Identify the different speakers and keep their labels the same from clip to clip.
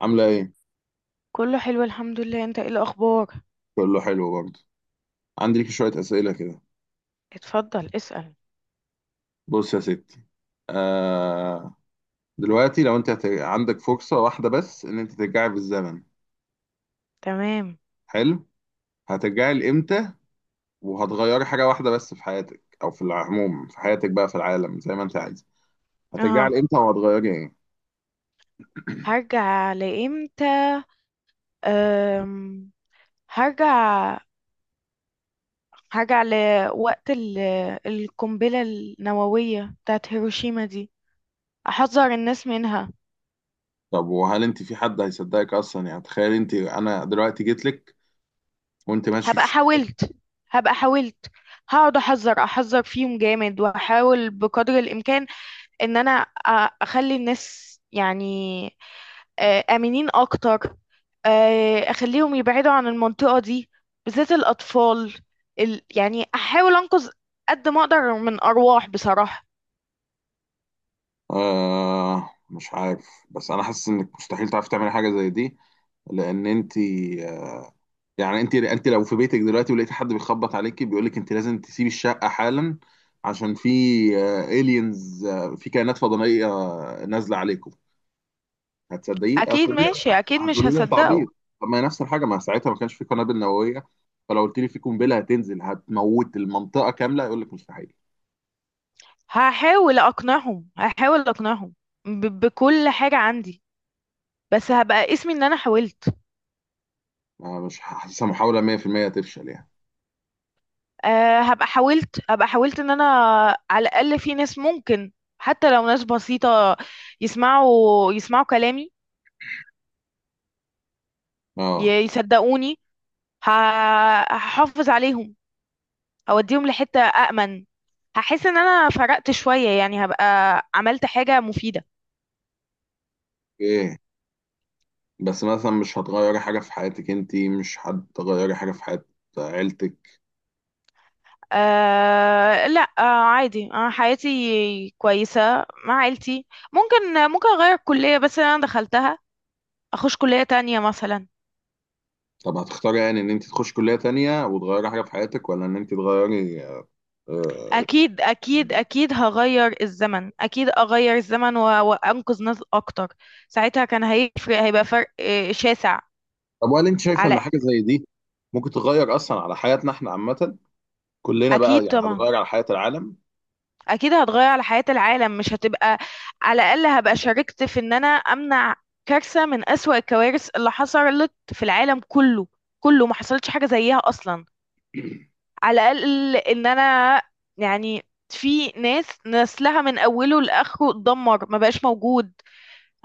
Speaker 1: عاملة ايه؟
Speaker 2: كله حلو، الحمد لله. انت ايه الاخبار؟
Speaker 1: كله حلو برضه. عندي لك شوية أسئلة كده.
Speaker 2: اتفضل، اسأل.
Speaker 1: بص يا ستي. آه دلوقتي لو انت عندك فرصة واحدة بس ان انت ترجعي بالزمن.
Speaker 2: تمام.
Speaker 1: حلو. هترجعي لإمتى وهتغيري حاجة واحدة بس في حياتك او في العموم في حياتك بقى في العالم زي ما انت عايزة؟ هترجعي
Speaker 2: اها،
Speaker 1: لإمتى وهتغيري ايه؟
Speaker 2: هرجع لامتى؟ أم... هرجع هرجع لوقت القنبلة النووية بتاعت هيروشيما دي. احذر الناس منها.
Speaker 1: طب وهل انت في حد هيصدقك اصلا؟ يعني تخيل، انت انا دلوقتي جيت لك وانت ماشي في
Speaker 2: هبقى
Speaker 1: الشارع.
Speaker 2: حاولت هبقى حاولت. هقعد احذر احذر فيهم جامد، واحاول بقدر الامكان ان انا اخلي الناس، يعني، آمنين أكتر. أخليهم يبعدوا عن المنطقة دي، بالذات الأطفال. يعني أحاول أنقذ قد ما أقدر من أرواح، بصراحة.
Speaker 1: آه، مش عارف، بس انا حاسس انك مستحيل تعرفي تعملي حاجة زي دي. لان انت آه، يعني انت لو في بيتك دلوقتي ولقيت حد بيخبط عليكي بيقول لك انت لازم تسيبي الشقه حالا عشان في الينز، في كائنات فضائيه نازله عليكم، هتصدقيه؟
Speaker 2: أكيد ماشي، أكيد مش
Speaker 1: هتقولي لي انت
Speaker 2: هصدقه.
Speaker 1: عبيط؟ طب، ما هي نفس الحاجه. ما ساعتها ما كانش في قنابل نوويه، فلو قلت لي في قنبله هتنزل هتموت المنطقه كامله يقول لك مستحيل.
Speaker 2: هحاول أقنعهم بكل حاجة عندي. بس هبقى اسمي إن أنا حاولت.
Speaker 1: آه، مش حاسسها محاوله، 100% هتفشل يعني.
Speaker 2: أه، هبقى حاولت إن أنا على الأقل في ناس ممكن، حتى لو ناس بسيطة، يسمعوا كلامي،
Speaker 1: اه.
Speaker 2: يصدقوني، هحافظ عليهم، اوديهم لحتة أأمن. هحس ان انا فرقت شوية، يعني هبقى عملت حاجة مفيدة.
Speaker 1: ايه، بس مثلا مش هتغيري حاجه في حياتك؟ انت مش هتغيري حاجه في حياه عيلتك؟
Speaker 2: أه، لا، أه عادي، أه حياتي كويسة مع عيلتي. ممكن اغير الكلية بس اللي انا دخلتها، اخش كلية تانية مثلا.
Speaker 1: طب، هتختاري يعني ان انت تخش كلية تانية وتغيري حاجة في حياتك ولا ان انت تغيري؟ آه،
Speaker 2: اكيد اكيد اكيد هغير الزمن، اكيد اغير الزمن وانقذ ناس اكتر. ساعتها كان هيفرق، هيبقى فرق شاسع.
Speaker 1: طب وهل انت شايفة ان
Speaker 2: على.
Speaker 1: حاجة زي دي ممكن تغير اصلا على حياتنا احنا عامة؟ كلنا بقى
Speaker 2: اكيد
Speaker 1: يعني
Speaker 2: طبعا.
Speaker 1: هتغير على حياة العالم؟
Speaker 2: اكيد هتغير على حياة العالم، مش هتبقى. على الاقل هبقى شاركت في ان انا امنع كارثة من اسوأ الكوارث اللي حصلت في العالم كله. كله ما حصلتش حاجة زيها اصلا. على الاقل ان انا، يعني، في ناس نسلها من اوله لاخره اتدمر، ما بقاش موجود.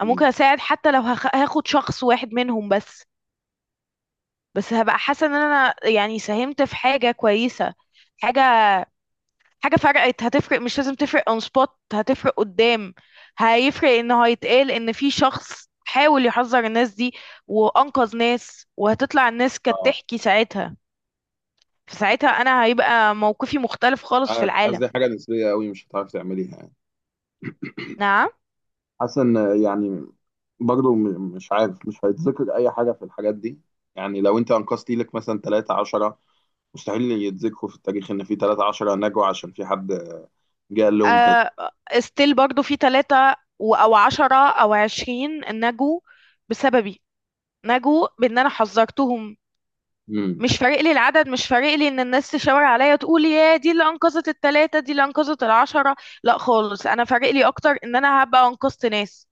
Speaker 2: أنا ممكن
Speaker 1: مم.
Speaker 2: اساعد حتى لو هاخد شخص واحد منهم بس. بس هبقى حاسة ان انا، يعني، ساهمت في حاجة كويسة. حاجة حاجة فرقت. هتفرق، مش لازم تفرق اون سبوت، هتفرق قدام. هيفرق انه هيتقال ان في شخص حاول يحذر الناس دي، وانقذ ناس. وهتطلع الناس كانت
Speaker 1: اه،
Speaker 2: تحكي ساعتها. فساعتها انا هيبقى موقفي مختلف خالص في
Speaker 1: عارف، حاسس
Speaker 2: العالم.
Speaker 1: دي حاجة نسبية قوي مش هتعرف تعمليها يعني.
Speaker 2: نعم.
Speaker 1: حاسس ان يعني برضو مش عارف مش هيتذكر اي حاجة في الحاجات دي. يعني لو انت انقذتي لك مثلا 3 10، مستحيل يتذكروا في التاريخ ان في 3 10 نجوا عشان في حد جه قال لهم كذا.
Speaker 2: آه، ستيل برضو في 3 او 10 او 20 نجوا بسببي، نجوا بان انا حذرتهم.
Speaker 1: امم،
Speaker 2: مش فارق لي العدد، مش فارق لي ان الناس تشاور عليا، تقول يا دي اللي انقذت الـ3، دي اللي انقذت الـ10. لا خالص، انا فارق لي اكتر ان انا هبقى انقذت ناس.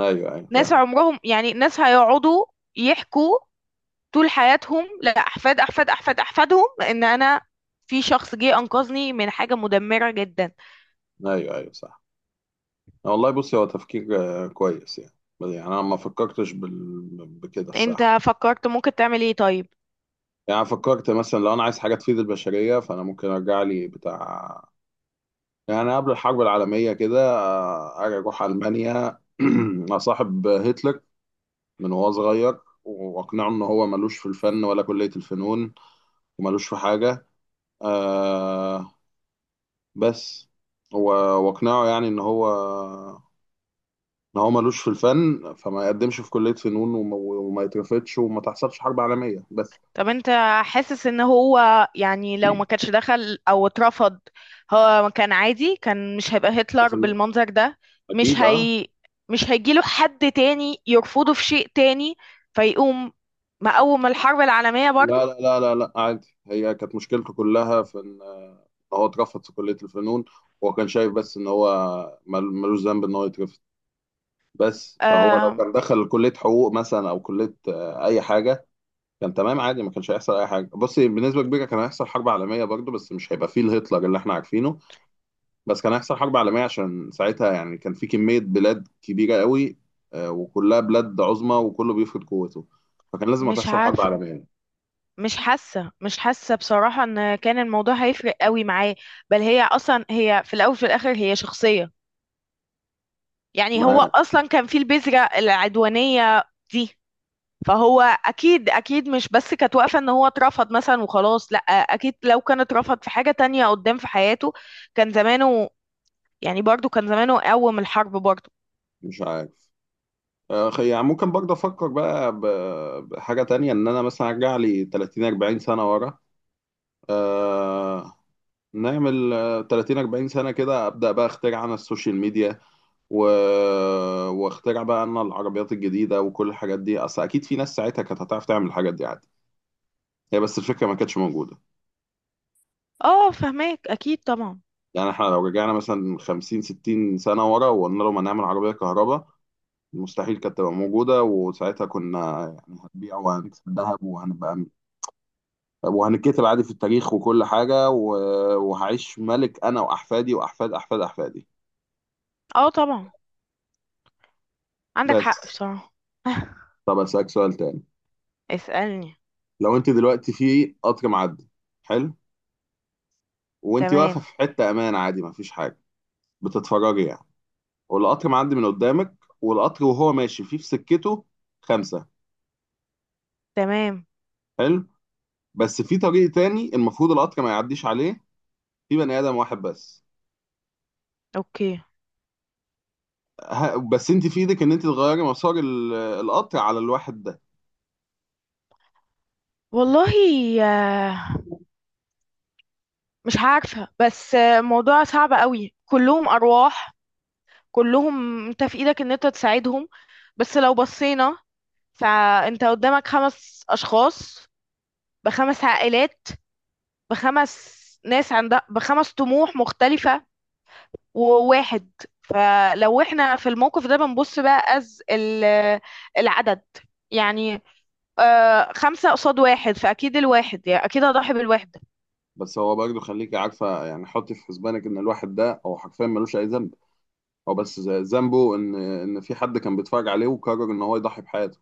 Speaker 1: ايوه، ايوه،
Speaker 2: ناس
Speaker 1: فاهم.
Speaker 2: عمرهم، يعني ناس هيقعدوا يحكوا طول حياتهم لاحفاد احفاد احفاد احفاد احفادهم ان انا، في شخص جه انقذني من حاجة مدمرة جدا.
Speaker 1: ايوه، ايوه، صح. والله، بصي، هو تفكير كويس يعني. يعني انا ما فكرتش بكده
Speaker 2: انت
Speaker 1: الصراحه.
Speaker 2: فكرت ممكن تعمل ايه طيب؟
Speaker 1: يعني أنا فكرت مثلا لو انا عايز حاجه تفيد البشريه فانا ممكن ارجع لي بتاع، يعني قبل الحرب العالميه كده. ارجع اروح المانيا، اصاحب هتلر من وهو صغير، واقنعه ان هو ملوش في الفن ولا كليه الفنون، وملوش في حاجه. آه بس واقنعه يعني ان هو ملوش في الفن، فما يقدمش في كلية فنون وما يترفضش وما تحصلش حرب عالمية بس.
Speaker 2: طب انت حاسس ان هو، يعني، لو ما كانش دخل او اترفض، هو كان عادي، كان مش هيبقى هتلر
Speaker 1: 100%.
Speaker 2: بالمنظر ده؟ مش
Speaker 1: اكيد، اه.
Speaker 2: هي مش هيجيله حد تاني يرفضه في شيء تاني، فيقوم مقوم الحرب العالمية برضو؟
Speaker 1: لا لا لا لا لا، عادي. هي كانت مشكلته كلها في ان هو اترفض في كلية الفنون. هو كان شايف بس ان هو ملوش ذنب ان هو يترفض بس. فهو لو
Speaker 2: آه،
Speaker 1: كان دخل كلية حقوق مثلا او كلية اي حاجة كان تمام، عادي. ما كانش هيحصل اي حاجة. بصي، بنسبة كبيرة كان هيحصل حرب عالمية برضه، بس مش هيبقى فيه الهتلر اللي احنا عارفينه. بس كان هيحصل حرب عالمية عشان ساعتها يعني كان في كمية بلاد كبيرة قوي وكلها بلاد عظمى وكله بيفرض قوته، فكان لازم
Speaker 2: مش
Speaker 1: هتحصل حرب
Speaker 2: عارفة،
Speaker 1: عالمية
Speaker 2: مش حاسة بصراحة ان كان الموضوع هيفرق قوي معاه. بل هي اصلا، هي في الاول وفي الاخر هي شخصية. يعني هو
Speaker 1: معاه.
Speaker 2: اصلا كان في البذرة العدوانية دي. فهو اكيد اكيد مش بس كانت واقفه ان هو اترفض مثلا وخلاص. لا، اكيد لو كان اترفض في حاجه تانية قدام في حياته، كان زمانه، يعني برضو كان زمانه قوم الحرب برضو.
Speaker 1: مش عارف. يعني ممكن برضه أفكر بقى بحاجة تانية، إن أنا مثلا أرجع لي 30 40 سنة ورا. آه، نعمل 30 40 سنة كده، أبدأ بقى أخترع أنا السوشيال ميديا و... واخترع بقى أنا العربيات الجديدة وكل الحاجات دي. أصل أكيد في ناس ساعتها كانت هتعرف تعمل الحاجات دي عادي، هي بس الفكرة ما كانتش موجودة.
Speaker 2: اه فهماك، اكيد طبعا.
Speaker 1: يعني احنا لو رجعنا مثلا 50 60 سنة ورا وقلنا لهم هنعمل عربية كهرباء، مستحيل كانت تبقى موجودة. وساعتها كنا يعني هنبيع وهنكسب ذهب وهنبقى وهنتكتب عادي في التاريخ وكل حاجة، وهعيش ملك أنا وأحفادي وأحفاد أحفاد أحفادي.
Speaker 2: اه طبعا، عندك
Speaker 1: بس.
Speaker 2: حق بصراحه.
Speaker 1: طب، أسألك سؤال تاني.
Speaker 2: اسألني.
Speaker 1: لو أنت دلوقتي في قطر معدي. حلو. وأنت واقفة
Speaker 2: تمام.
Speaker 1: في حتة أمان، عادي مفيش حاجة، بتتفرجي يعني، والقطر معدي من قدامك، والقطر وهو ماشي فيه في سكته خمسة.
Speaker 2: تمام.
Speaker 1: حلو. بس في طريق تاني المفروض القطر ما يعديش عليه، في بني ادم واحد بس.
Speaker 2: اوكي.
Speaker 1: بس انت في ايدك ان انت تغيري مسار القطر على الواحد ده.
Speaker 2: والله، آه، مش عارفة بس موضوع صعب قوي. كلهم أرواح، كلهم انت في ايدك ان انت تساعدهم. بس لو بصينا، فانت قدامك 5 اشخاص، بـ5 عائلات، بـ5 ناس عندها، بـ5 طموح مختلفة، وواحد. فلو احنا في الموقف ده بنبص بقى از العدد، يعني آه 5 قصاد واحد، فأكيد الواحد، يعني أكيد هضحي بالواحد.
Speaker 1: بس هو برضه، خليكي عارفه، يعني حطي في حسبانك ان الواحد ده هو حرفيا ملوش اي ذنب. هو بس ذنبه ان في حد كان بيتفرج عليه وقرر ان هو يضحي بحياته.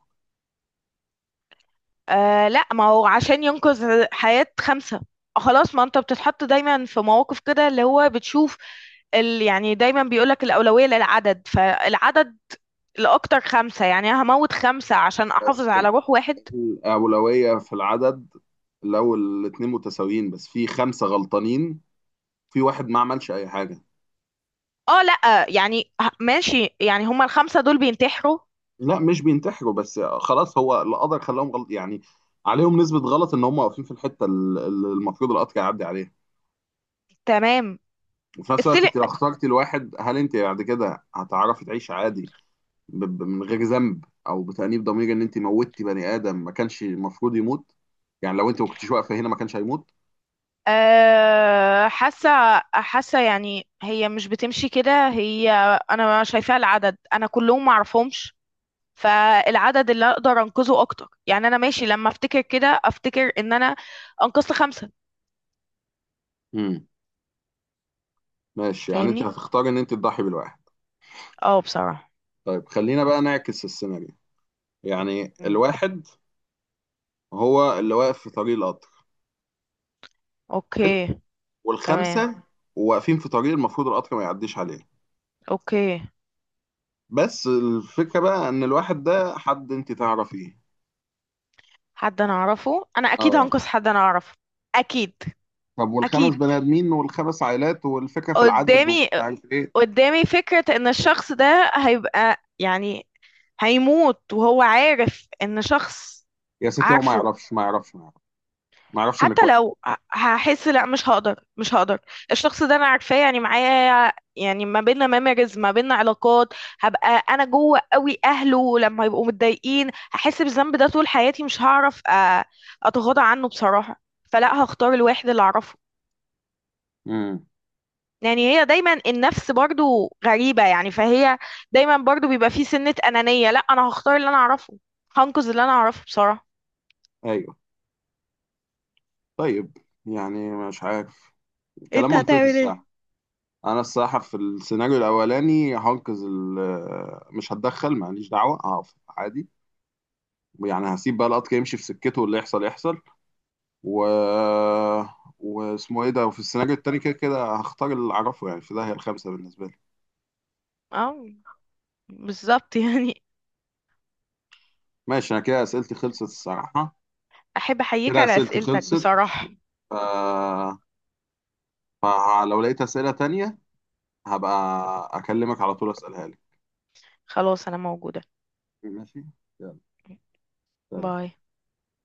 Speaker 2: آه، لا، ما هو عشان ينقذ حياة 5. خلاص، ما انت بتتحط دايما في مواقف كده اللي هو بتشوف يعني دايما بيقولك الأولوية للعدد، فالعدد لأكتر. 5، يعني أنا هموت 5 عشان أحافظ
Speaker 1: بس
Speaker 2: على روح واحد.
Speaker 1: الاولويه في العدد، لو الاتنين متساويين بس في خمسه غلطانين، في واحد ما عملش اي حاجه.
Speaker 2: اه لأ، يعني ماشي، يعني هما الـ5 دول بينتحروا؟
Speaker 1: لا، مش بينتحروا بس خلاص هو القدر خلاهم غلط يعني، عليهم نسبة غلط ان هم واقفين في الحتة اللي المفروض القطر يعدي عليها.
Speaker 2: تمام.
Speaker 1: وفي نفس الوقت
Speaker 2: السيل.
Speaker 1: انت لو اخترتي الواحد هل انت بعد كده هتعرفي تعيشي عادي من غير ذنب او بتأنيب ضمير ان انت موتي بني ادم ما كانش المفروض يموت؟ يعني لو انت ما كنتيش واقفة هنا ما كانش هيموت.
Speaker 2: أه، حاسة، يعني هي مش بتمشي كده. هي أنا شايفاها العدد، أنا كلهم معرفهمش. فالعدد اللي أقدر أنقذه أكتر، يعني أنا ماشي. لما أفتكر كده أفتكر إن أنا أنقذت 5.
Speaker 1: امم. ماشي، يعني انت
Speaker 2: فاهمني؟
Speaker 1: هتختاري ان انت تضحي بالواحد.
Speaker 2: اه بصراحة.
Speaker 1: طيب، خلينا بقى نعكس السيناريو. يعني
Speaker 2: مم.
Speaker 1: الواحد هو اللي واقف في طريق القطر،
Speaker 2: أوكي. تمام.
Speaker 1: والخمسه واقفين في طريق المفروض القطر ما يعديش عليه.
Speaker 2: أوكي.
Speaker 1: بس الفكره بقى ان الواحد ده حد انت تعرفيه.
Speaker 2: حد انا اعرفه، انا اكيد
Speaker 1: اه.
Speaker 2: هنقص حد انا اعرفه. اكيد
Speaker 1: طب والخمس
Speaker 2: اكيد.
Speaker 1: بني ادمين والخمس عائلات والفكره في العدد
Speaker 2: قدامي
Speaker 1: ومش عارف ايه؟
Speaker 2: قدامي فكرة ان الشخص ده هيبقى، يعني، هيموت وهو عارف ان شخص
Speaker 1: يا ستي هو ما
Speaker 2: عارفه.
Speaker 1: يعرفش ما يعرفش ما يعرفش ما يعرفش
Speaker 2: حتى
Speaker 1: انك واقف.
Speaker 2: لو هحس، لا، مش هقدر. الشخص ده انا عارفاه، يعني معايا، يعني ما بيننا ميموريز، ما بيننا علاقات. هبقى انا جوه قوي اهله لما يبقوا متضايقين، هحس بالذنب ده طول حياتي، مش هعرف اتغاضى عنه بصراحة. فلا، هختار الواحد اللي اعرفه.
Speaker 1: امم.
Speaker 2: يعني هي دايما، النفس برضو غريبة، يعني فهي دايما برضو بيبقى في سنة أنانية. لا، أنا هختار اللي أنا أعرفه. هنقذ اللي أنا أعرفه، بصراحة.
Speaker 1: ايوه. طيب، يعني مش عارف.
Speaker 2: انت
Speaker 1: كلام منطقي
Speaker 2: هتعمل ايه؟
Speaker 1: الصراحه. انا الصراحه في السيناريو الاولاني هنقذ مش هتدخل، ماليش دعوه، هقف عادي. يعني هسيب بقى القطر يمشي في سكته واللي يحصل يحصل، و واسمه ايه ده. وفي السيناريو التاني كده كده هختار اللي اعرفه، يعني في داهية الخمسة بالنسبة لي.
Speaker 2: اه، بالظبط يعني.
Speaker 1: ماشي، انا كده اسئلتي خلصت الصراحة.
Speaker 2: أحب أحييك
Speaker 1: كده
Speaker 2: على
Speaker 1: اسئلتي
Speaker 2: أسئلتك،
Speaker 1: خلصت.
Speaker 2: بصراحة.
Speaker 1: آه فلو لقيت اسئلة تانية هبقى اكلمك على طول اسألها لك.
Speaker 2: خلاص، أنا موجودة.
Speaker 1: ماشي. يلا. سلام.
Speaker 2: باي.